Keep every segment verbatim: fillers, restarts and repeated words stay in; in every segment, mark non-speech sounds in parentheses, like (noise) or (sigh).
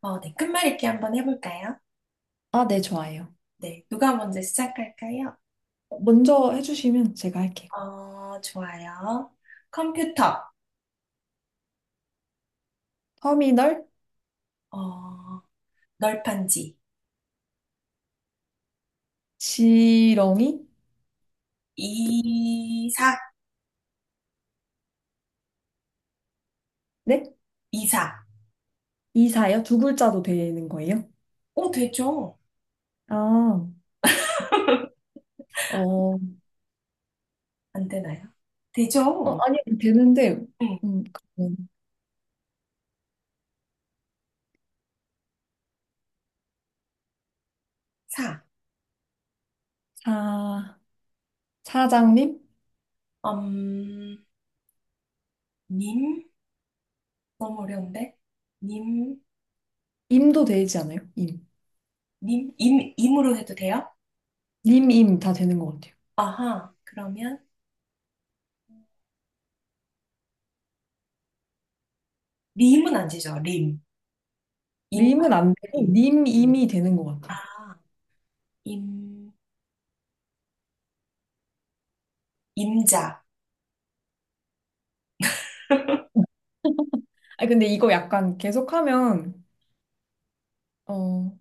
어, 네. 끝말잇기 한번 해볼까요? 아, 네, 좋아요. 네. 누가 먼저 시작할까요? 먼저 해주시면 제가 할게요. 어, 좋아요. 컴퓨터. 터미널, 어, 널판지. 지렁이, 이사. 네? 이사. 이사요? 두 글자도 되는 거예요? 오, 되죠? 아, (laughs) 어, 안 되나요? 어, 되죠? 아니, 되는데, 응. 음, 그 사. 사, 사장님? 음, 님? 너무 어려운데? 님, 임도 되지 않아요? 임. 님, 임, 임으로 해도 돼요? 님, 임 다 되는 것 같아요. 아하. 그러면, 림은 안 되죠. 림. 임, 말, 림은 안 되고, 임. 님, 임이 되는 것 같아요. 아, 임, 임자. (laughs) 아, 근데 이거 약간 계속하면, 어,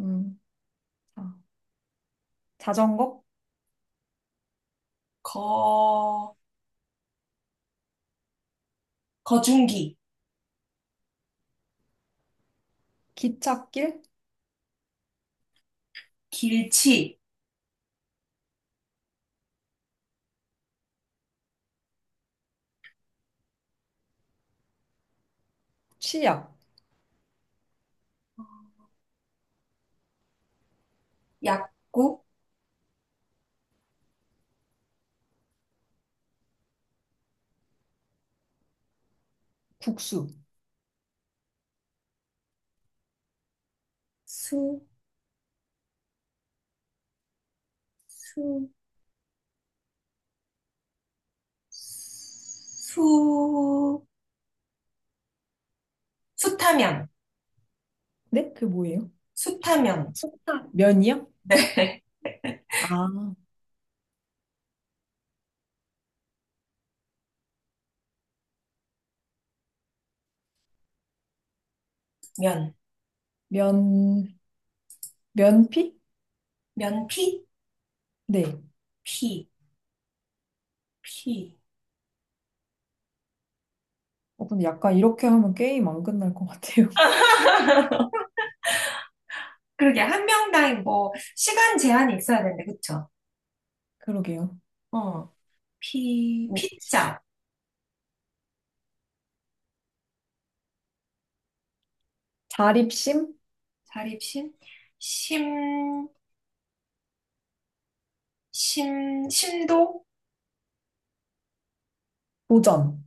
음, 아, 자전거, 거, 거중기, 기찻길, 길치, 치약, 약구, 국수. 수, 수, 수, 수타면, 네? 그게 뭐예요? 수타면, 속타 면이요? 네, (laughs) 아, 면, 면, 면피? 면피, 네. 피, 피. 어, 근데 약간 이렇게 하면 게임 안 끝날 것 같아요. (laughs) (laughs) 그러게, 한 명당 뭐, 시간 제한이 있어야 되는데, 그쵸? 그러게요. 어, 피, 뭐, 시- 피자, 자립심, 자립심, 심, 심, 심도, 도전,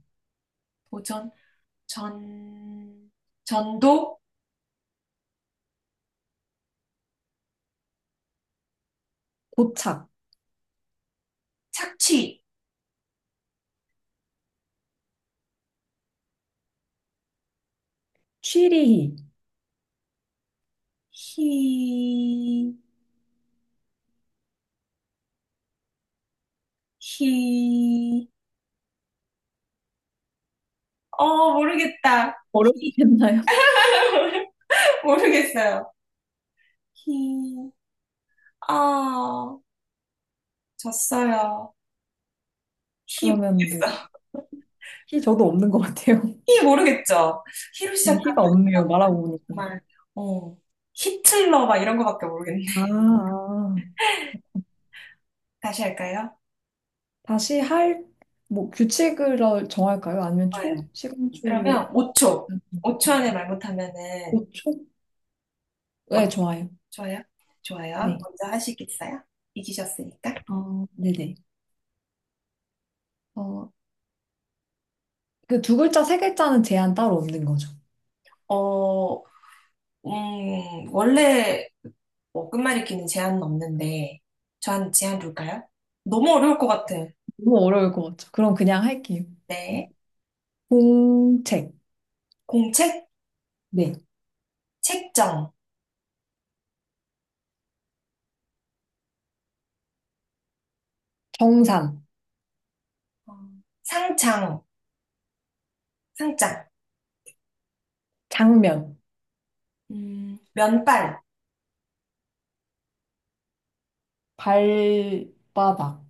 도전, 전, 전도, 도착, 착취. 취리히. 히, 히, 어, 모르겠다. 히, 어렵겠나요? (laughs) (laughs) 모르겠어요. 히, 아, 졌어요. 히 그러면 뭐, 모르겠어. 히 저도 없는 것 같아요. (laughs) 히 모르겠죠? 히로 네, 시작한 히가 없네요. 말하고 보니까. 정말, 어, 히틀러 막 이런 거밖에 모르겠네. 아, 아. 다시 할까요? 다시 할, 뭐, 규칙을 정할까요? 아니면 초? 좋아요. 시간 초를 그러면 오 초. 오 초 안에 말 못하면은, 오 초 어, 네, 좋아요. 좋아요? 좋아요. 네. 먼저 하시겠어요? 이기셨으니까. 어, 네네. 어, 그 두 글자, 세 글자는 제한 따로 없는 거죠. 어, 음, 원래 뭐 끝말잇기는 제한은 없는데 저한테 제한 둘까요? 너무 어려울 것 같아. 너무 어려울 것 같죠. 그럼 그냥 할게요. 네. 공책, 공책, 네. 책정, 정산 어, 상장, 상장, 장면, 음, 면발, 발바닥,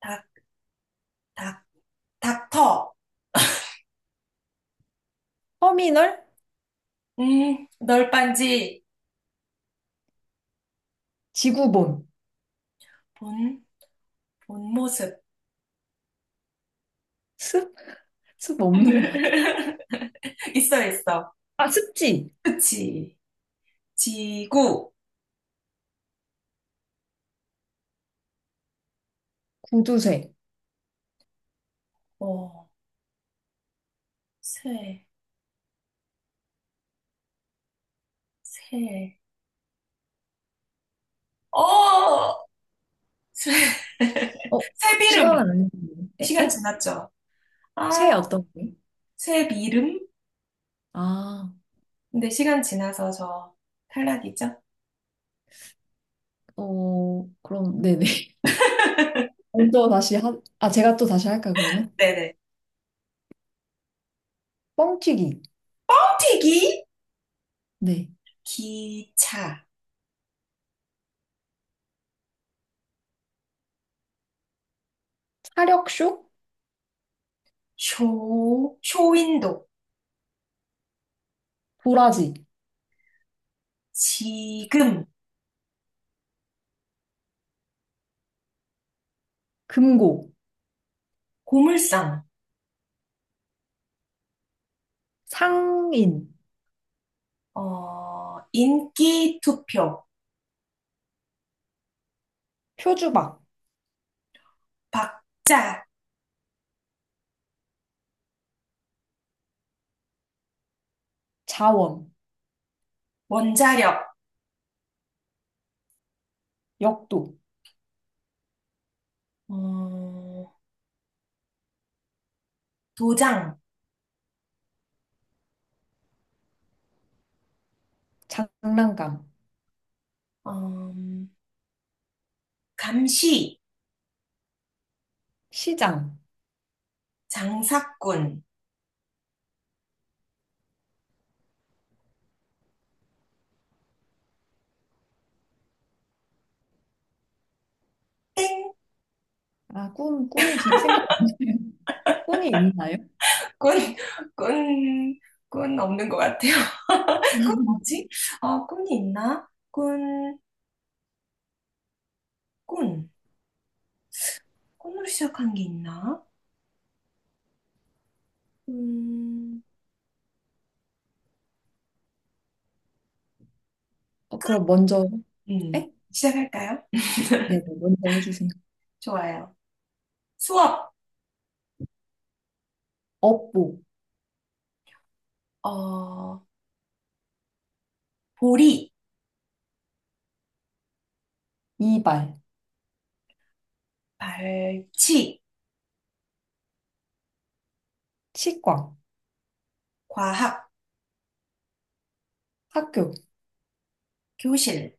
닥, 닥, 닥터, 터미널, 음, 널빤지, 지구본, 본, 본 모습. 습? 습 없는 것 같아. (laughs) 있어, 있어. 아, 습지, 그치. 지구, 구두쇠. 어, 새, 새, 어, 새, (laughs) 어, 새비름. 시간은 안 했는데. 에? 시간 에? 지났죠? 아. 쇠 어떤 게? 새 이름? 아, 근데 시간 지나서 저 탈락이죠? 어, 그럼, 네네. (laughs) 먼저 다시 하, 아, 제가 또 다시 할까요, 그러면? 네네. 뻥튀기, 튀기, 네. 기차, 사력쇼, 쇼, 쇼윈도, 도라지, 지금, 금고. 고물상, 상인, 어, 인기 투표, 표주박, 박자, 자원, 원자력, 역도, 어, 도장, 장난감, 어, 감시, 시장. 장사꾼, 땡, 아, 꿈, 꿈이 기- 생각이 안 나요. (laughs) 꿈이 있나요? 꾼, (laughs) 꾼, 꾼 없는 것 같아요. (laughs) 꾼 뭐지? 어, 꾼이 있나? 꾼, 꾼. 콩으로 시작한 게 있나? 음, 어, 그럼 먼저, 음, 에? 시작할까요? 네, 네, 먼저 해주세요. 좋아요. 수업, 업보, 어, 보리, 이발, 발치, 치과, 과학, 학교, 교실,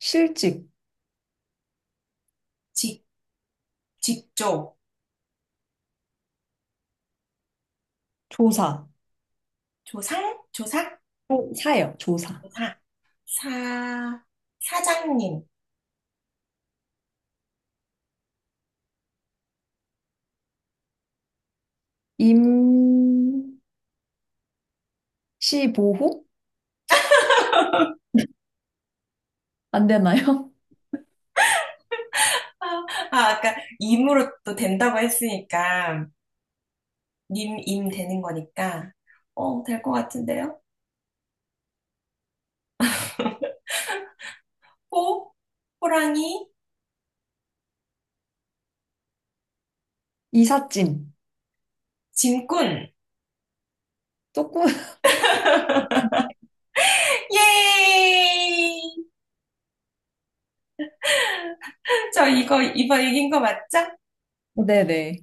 실직, 직, 직조, 조사, 조상, 조상 조- 사요, 조사. 조사, 사, 사장님. 임시보호? 안 되나요? (laughs) 아, 아, 아까 임으로 또 된다고 했으니까, 님, 임 되는 거니까, 어, 될 것 같은데요? 호, 호랑이, 이삿짐. 짐꾼. 조금, (laughs) (laughs) 예! 저 이거 이번 이긴 거 맞죠? 네네.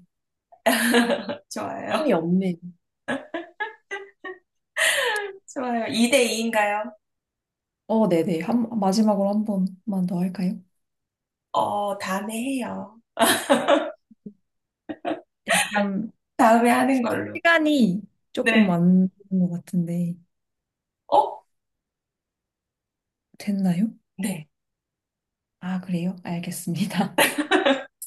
(laughs) 좋아요. 꿈이 없네. 요 좋아요. 이 대 이인가요? 어, 네네. 한, 마지막으로 한 번만 더 할까요? 어, 다음에 해요. 약간 다음에 하는 걸로. 시간이 조금 네. 안 되는 것 같은데 어? 됐나요? 네. 아, 그래요? 알겠습니다.